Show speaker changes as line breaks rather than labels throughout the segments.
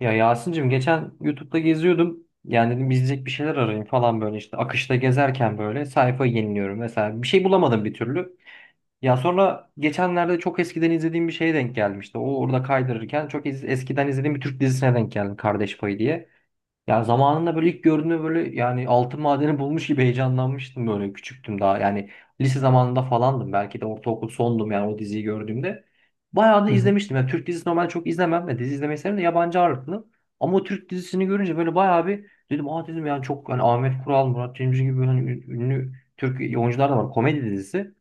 Ya Yasin'cim geçen YouTube'da geziyordum. Yani dedim izleyecek bir şeyler arayayım falan böyle işte akışta gezerken böyle sayfayı yeniliyorum mesela. Bir şey bulamadım bir türlü. Ya sonra geçenlerde çok eskiden izlediğim bir şeye denk gelmişti. O orada kaydırırken eskiden izlediğim bir Türk dizisine denk geldim, Kardeş Payı diye. Yani zamanında böyle ilk gördüğümde böyle yani altın madeni bulmuş gibi heyecanlanmıştım, böyle küçüktüm daha. Yani lise zamanında falandım, belki de ortaokul sondum yani o diziyi gördüğümde. Bayağı da
Hı.
izlemiştim. Yani Türk dizisi normalde çok izlemem. Yani dizi izlemeyi severim de yabancı ağırlıklı. Ama o Türk dizisini görünce böyle bayağı bir dedim, aa dedim, yani çok yani Ahmet Kural, Murat Cemcir gibi böyle hani ünlü Türk oyuncular da var. Komedi dizisi.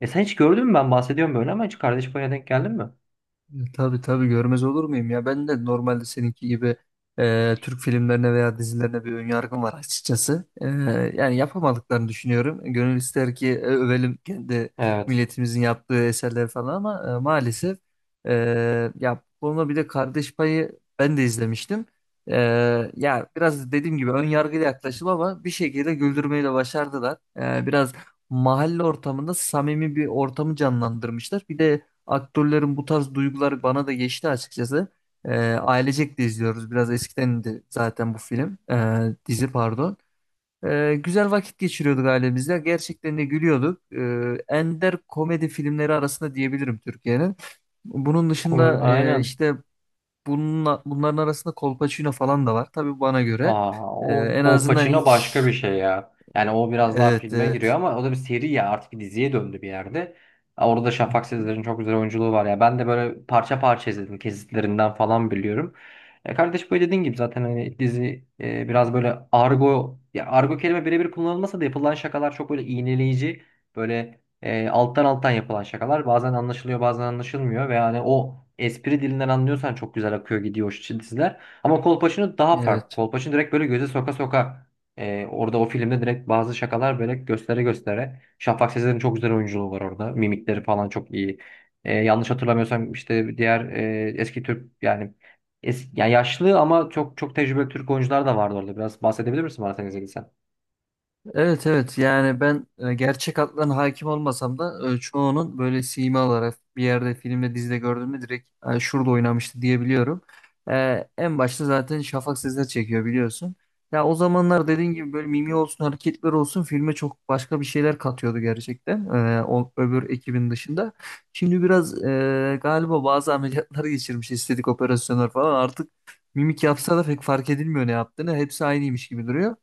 E sen hiç gördün mü, ben bahsediyorum böyle ama, hiç Kardeş Payı'na denk geldin mi?
Tabii tabii görmez olur muyum ya? Ben de normalde seninki gibi Türk filmlerine veya dizilerine bir önyargım var açıkçası. Yani yapamadıklarını düşünüyorum. Gönül ister ki övelim kendi
Evet.
milletimizin yaptığı eserleri falan ama maalesef e, ya bu konuda bir de Kardeş Payı ben de izlemiştim. E, Ya biraz dediğim gibi ön yargıyla yaklaşım ama bir şekilde güldürmeyi de başardılar. Biraz mahalle ortamında samimi bir ortamı canlandırmışlar. Bir de aktörlerin bu tarz duyguları bana da geçti açıkçası. Ailecek de izliyoruz. Biraz eskiden de zaten bu film. Dizi pardon. Güzel vakit geçiriyorduk ailemizle. Gerçekten de gülüyorduk. Ender komedi filmleri arasında diyebilirim Türkiye'nin. Bunun
Komedi,
dışında
aynen.
işte bununla, bunların arasında Kolpaçino falan da var. Tabii bana göre.
Aa, o
En azından
Kolpaçino
ilk
başka bir şey ya. Yani o biraz daha
evet
filme giriyor
evet.
ama o da bir seri, ya artık bir diziye döndü bir yerde. Aa, orada da Şafak Sezer'in çok güzel oyunculuğu var ya. Ben de böyle parça parça izledim, kesitlerinden falan biliyorum. E kardeş böyle dediğin gibi zaten hani dizi biraz böyle argo, ya argo kelime birebir kullanılmasa da yapılan şakalar çok böyle iğneleyici, böyle alttan alttan yapılan şakalar bazen anlaşılıyor bazen anlaşılmıyor ve yani o espri dilinden anlıyorsan çok güzel akıyor gidiyor o diziler. Ama Kolpaçino daha farklı.
Evet,
Kolpaçino direkt böyle göze soka soka, orada o filmde direkt bazı şakalar böyle göstere göstere. Şafak Sezer'in çok güzel oyunculuğu var orada. Mimikleri falan çok iyi. Yanlış hatırlamıyorsam işte diğer eski Türk yani yani yaşlı ama çok tecrübeli Türk oyuncular da vardı orada. Biraz bahsedebilir misin bana, sen izlediysen?
evet evet yani ben gerçek adlarına hakim olmasam da çoğunun böyle sima olarak bir yerde filmde dizide gördüğümde direkt "Ha, şurada oynamıştı" diyebiliyorum. En başta zaten Şafak Sezer çekiyor biliyorsun. Ya o zamanlar dediğin gibi böyle mimi olsun hareketler olsun filme çok başka bir şeyler katıyordu gerçekten öbür ekibin dışında. Şimdi biraz galiba bazı ameliyatları geçirmiş estetik operasyonlar falan artık mimik yapsa da pek fark edilmiyor ne yaptığını hepsi aynıymış gibi duruyor.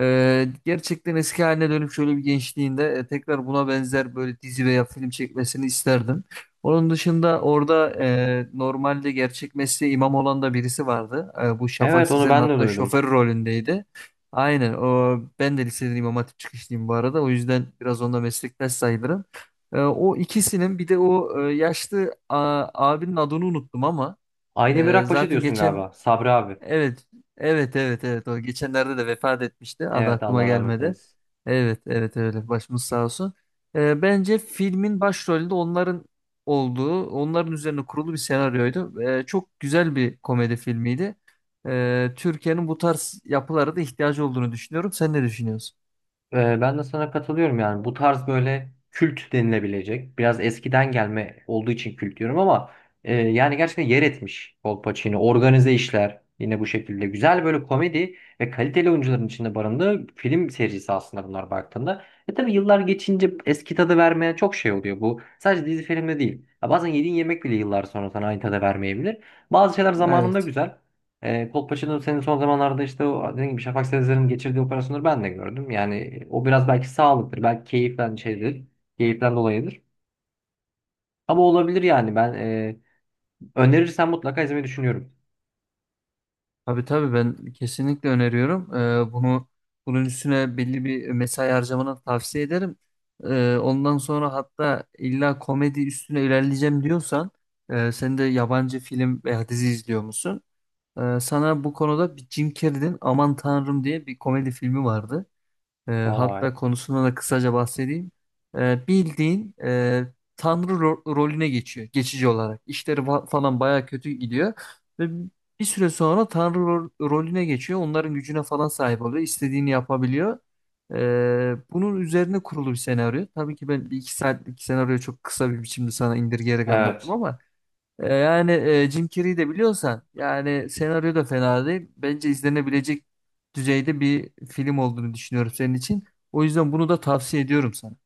Gerçekten eski haline dönüp şöyle bir gençliğinde tekrar buna benzer böyle dizi veya film çekmesini isterdim. Onun dışında orada normalde gerçek mesleği imam olan da birisi vardı. Bu Şafak
Evet, onu
Sezer'in
ben de
hatta
duydum.
şoför rolündeydi. Aynen o, ben de liseden İmam Hatip çıkışlıyım bu arada. O yüzden biraz onda meslektaş sayılırım. O ikisinin bir de yaşlı abinin adını unuttum ama
Aydemir Akbaş'ı
zaten
diyorsun
geçen
galiba. Sabri abi.
evet, evet. O geçenlerde de vefat etmişti. Adı
Evet,
aklıma
Allah rahmet
gelmedi.
eylesin.
Evet, evet öyle. Başımız sağ olsun. Bence filmin başrolünde onların olduğu, onların üzerine kurulu bir senaryoydu. Çok güzel bir komedi filmiydi. Türkiye'nin bu tarz yapılara da ihtiyacı olduğunu düşünüyorum. Sen ne düşünüyorsun?
Ben de sana katılıyorum, yani bu tarz böyle kült denilebilecek, biraz eskiden gelme olduğu için kült diyorum ama yani gerçekten yer etmiş. Kolpaçino, organize işler, yine bu şekilde güzel böyle komedi ve kaliteli oyuncuların içinde barındığı film serisi aslında bunlar baktığında. E tabi yıllar geçince eski tadı vermeye çok şey oluyor, bu sadece dizi filmde değil ya, bazen yediğin yemek bile yıllar sonra sana aynı tadı vermeyebilir, bazı şeyler zamanında
Evet.
güzel. Kolpaçino'nun, senin son zamanlarda işte o dediğim gibi Şafak Sezer'in geçirdiği operasyonları ben de gördüm. Yani o biraz belki sağlıktır, belki keyiften şeydir, keyiften dolayıdır. Ama olabilir yani, ben önerirsen mutlaka izlemeyi düşünüyorum.
Tabii tabii ben kesinlikle öneriyorum. Bunun üstüne belli bir mesai harcamanı tavsiye ederim. Ondan sonra hatta illa komedi üstüne ilerleyeceğim diyorsan sen de yabancı film veya dizi izliyor musun? Sana bu konuda bir Jim Carrey'nin Aman Tanrım diye bir komedi filmi vardı.
Vay.
Hatta konusuna da kısaca bahsedeyim. Bildiğin tanrı rolüne geçiyor geçici olarak. İşleri falan baya kötü gidiyor ve bir süre sonra tanrı rolüne geçiyor. Onların gücüne falan sahip oluyor. İstediğini yapabiliyor. E, Bunun üzerine kurulu bir senaryo. Tabii ki ben bir iki saatlik senaryoyu çok kısa bir biçimde sana indirgeyerek anlattım
Evet.
ama Jim Carrey'i de biliyorsan yani senaryo da fena değil. Bence izlenebilecek düzeyde bir film olduğunu düşünüyorum senin için. O yüzden bunu da tavsiye ediyorum sana.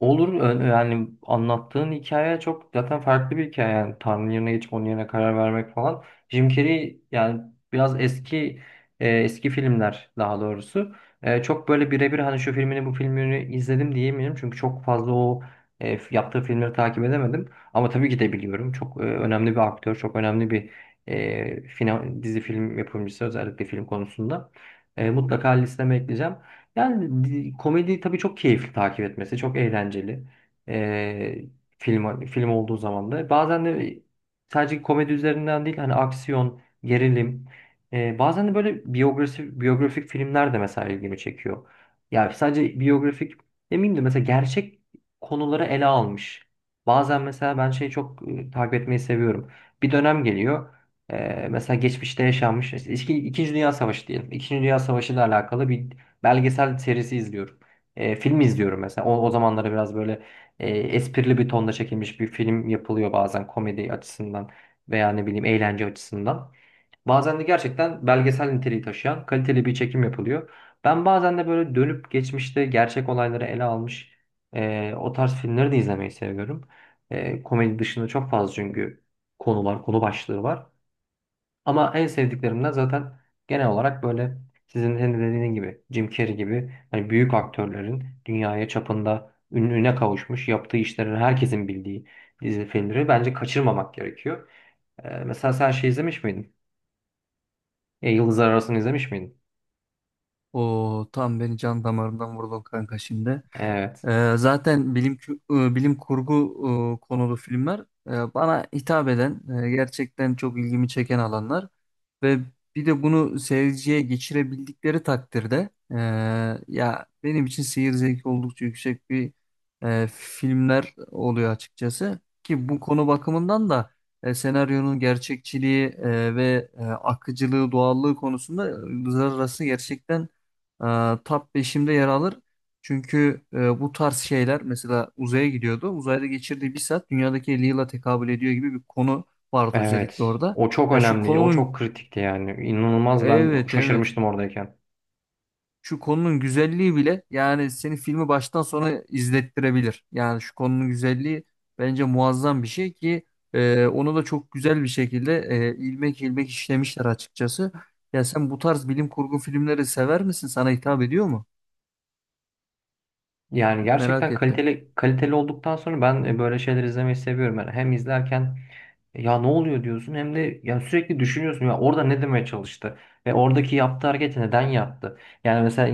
Olur. Yani anlattığın hikaye çok zaten farklı bir hikaye, yani Tanrı'nın yerine geçip onun yerine karar vermek falan. Jim Carrey yani biraz eski, eski filmler daha doğrusu. E, çok böyle birebir hani şu filmini bu filmini izledim diyemiyorum çünkü çok fazla o yaptığı filmleri takip edemedim. Ama tabii ki de biliyorum, çok önemli bir aktör, çok önemli bir dizi film yapımcısı, özellikle film konusunda. E, mutlaka listeme ekleyeceğim. Komedi tabii çok keyifli takip etmesi, çok eğlenceli. Ee, Film film olduğu zaman da bazen de sadece komedi üzerinden değil, hani aksiyon, gerilim, bazen de böyle biyografi, biyografik filmler de mesela ilgimi çekiyor. Yani sadece biyografik demeyeyim de, mesela gerçek konuları ele almış. Bazen mesela ben şeyi çok takip etmeyi seviyorum. Bir dönem geliyor. Mesela geçmişte yaşanmış, işte İkinci Dünya Savaşı diyelim. İkinci Dünya Savaşı ile alakalı bir belgesel serisi izliyorum. E, film izliyorum mesela. O, o zamanlara biraz böyle esprili bir tonda çekilmiş bir film yapılıyor bazen komedi açısından veya ne bileyim eğlence açısından. Bazen de gerçekten belgesel niteliği taşıyan kaliteli bir çekim yapılıyor. Ben bazen de böyle dönüp geçmişte gerçek olayları ele almış o tarz filmleri de izlemeyi seviyorum. E, komedi dışında çok fazla çünkü konular, konu başlığı var. Ama en sevdiklerimden zaten, genel olarak böyle sizin, senin de dediğin gibi Jim Carrey gibi hani büyük aktörlerin dünyaya çapında ününe kavuşmuş yaptığı işlerin herkesin bildiği dizi filmleri bence kaçırmamak gerekiyor. Mesela sen şey izlemiş miydin? E, Yıldızlar Arası'nı izlemiş miydin?
O tam beni can damarından vurdun kanka şimdi.
Evet.
Zaten bilim kurgu konulu filmler bana hitap eden, gerçekten çok ilgimi çeken alanlar ve bir de bunu seyirciye geçirebildikleri takdirde ya benim için seyir zevki oldukça yüksek bir filmler oluyor açıkçası ki bu konu bakımından da senaryonun gerçekçiliği akıcılığı, doğallığı konusunda Yıldızlar Arası gerçekten top 5'imde yer alır. Çünkü bu tarz şeyler mesela uzaya gidiyordu. Uzayda geçirdiği bir saat dünyadaki 50 yıla tekabül ediyor gibi bir konu vardı özellikle
Evet.
orada.
O çok
Ya şu
önemli. O
konunun
çok kritikti yani. İnanılmaz, ben
evet evet
şaşırmıştım oradayken.
şu konunun güzelliği bile yani seni filmi baştan sona izlettirebilir. Yani şu konunun güzelliği bence muazzam bir şey ki onu da çok güzel bir şekilde ilmek ilmek işlemişler açıkçası. Ya sen bu tarz bilim kurgu filmleri sever misin? Sana hitap ediyor mu?
Yani
Merak
gerçekten
ettim.
kaliteli, kaliteli olduktan sonra ben böyle şeyler izlemeyi seviyorum. Yani hem izlerken "E, ya ne oluyor?" diyorsun, hem de ya sürekli düşünüyorsun ya orada ne demeye çalıştı ve oradaki yaptığı hareketi neden yaptı? Yani mesela e,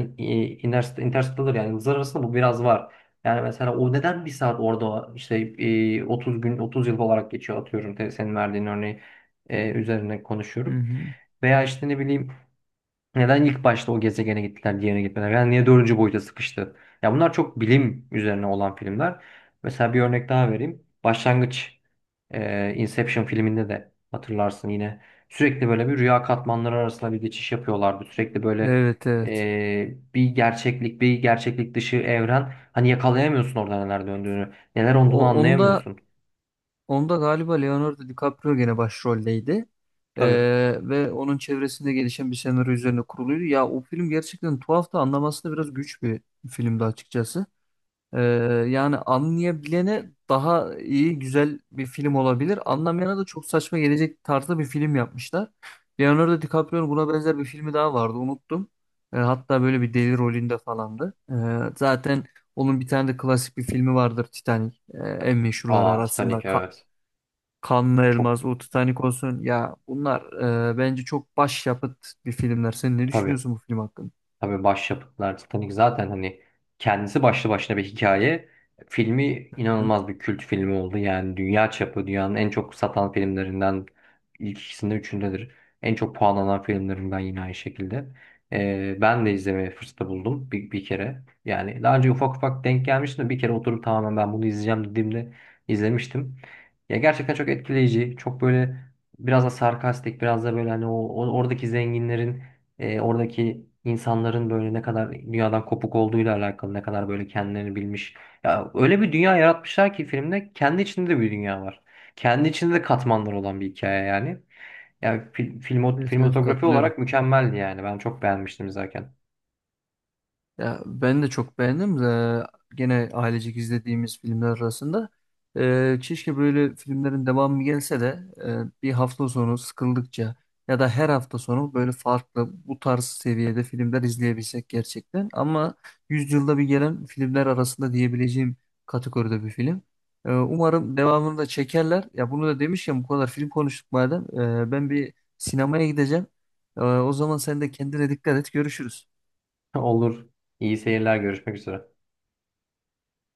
Interst- Interstellar, yani yıldızlar arasında, bu biraz var. Yani mesela o neden bir saat orada işte 30 gün 30 yıl olarak geçiyor, atıyorum, senin verdiğin örneği üzerine
Hı
konuşuyorum.
hı.
Veya işte ne bileyim, neden ilk başta o gezegene gittiler, diğerine gitmediler? Yani niye dördüncü boyuta sıkıştı? Ya bunlar çok bilim üzerine olan filmler. Mesela bir örnek daha vereyim. Başlangıç, Inception filminde de hatırlarsın yine. Sürekli böyle bir rüya katmanları arasında bir geçiş yapıyorlardı. Sürekli böyle
Evet evet.
bir gerçeklik, bir gerçeklik dışı evren. Hani yakalayamıyorsun orada neler döndüğünü. Neler
O,
olduğunu
onda
anlayamıyorsun.
Onda galiba Leonardo DiCaprio gene başroldeydi.
Tabii.
Ee, Ve onun çevresinde gelişen bir senaryo üzerine kuruluydu. Ya o film gerçekten tuhaf da anlaması da biraz güç bir filmdi açıkçası. Ee, Yani anlayabilene daha iyi, güzel bir film olabilir. Anlamayana da çok saçma gelecek tarzda bir film yapmışlar. Leonardo DiCaprio'nun buna benzer bir filmi daha vardı, unuttum. Hatta böyle bir deli rolünde falandı. Zaten onun bir tane de klasik bir filmi vardır, Titanic. En meşhurlar
Aa,
arasında.
Titanic, evet.
Kanlı
Çok
Elmas, o Titanic olsun. Ya bunlar bence çok başyapıt bir filmler. Sen ne
tabii.
düşünüyorsun bu film hakkında?
Tabii başyapıtlar. Titanic zaten hani kendisi başlı başına bir hikaye. Filmi
Hı?
inanılmaz bir kült filmi oldu. Yani dünya çapı, dünyanın en çok satan filmlerinden ilk ikisinde üçündedir. En çok puanlanan filmlerinden yine aynı şekilde. Ben de izlemeye fırsatı buldum bir, bir kere. Yani daha önce ufak ufak denk gelmiştim de, bir kere oturup tamamen ben bunu izleyeceğim dediğimde izlemiştim. Ya gerçekten çok etkileyici. Çok böyle biraz da sarkastik, biraz da böyle hani oradaki zenginlerin, oradaki insanların böyle ne kadar dünyadan kopuk olduğuyla alakalı, ne kadar böyle kendilerini bilmiş. Ya öyle bir dünya yaratmışlar ki filmde kendi içinde de bir dünya var. Kendi içinde de katmanlar olan bir hikaye yani.
Evet, evet,
Filmotografi
katılıyorum.
olarak mükemmeldi yani. Ben çok beğenmiştim izlerken.
Ya ben de çok beğendim. De gene ailecek izlediğimiz filmler arasında. Keşke böyle filmlerin devamı gelse de bir hafta sonu sıkıldıkça ya da her hafta sonu böyle farklı bu tarz seviyede filmler izleyebilsek gerçekten. Ama yüzyılda bir gelen filmler arasında diyebileceğim kategoride bir film. Umarım devamını da çekerler. Ya bunu da demişken bu kadar film konuştuk madem. Ben bir sinemaya gideceğim. O zaman sen de kendine dikkat et. Görüşürüz.
Olur. İyi seyirler. Görüşmek üzere.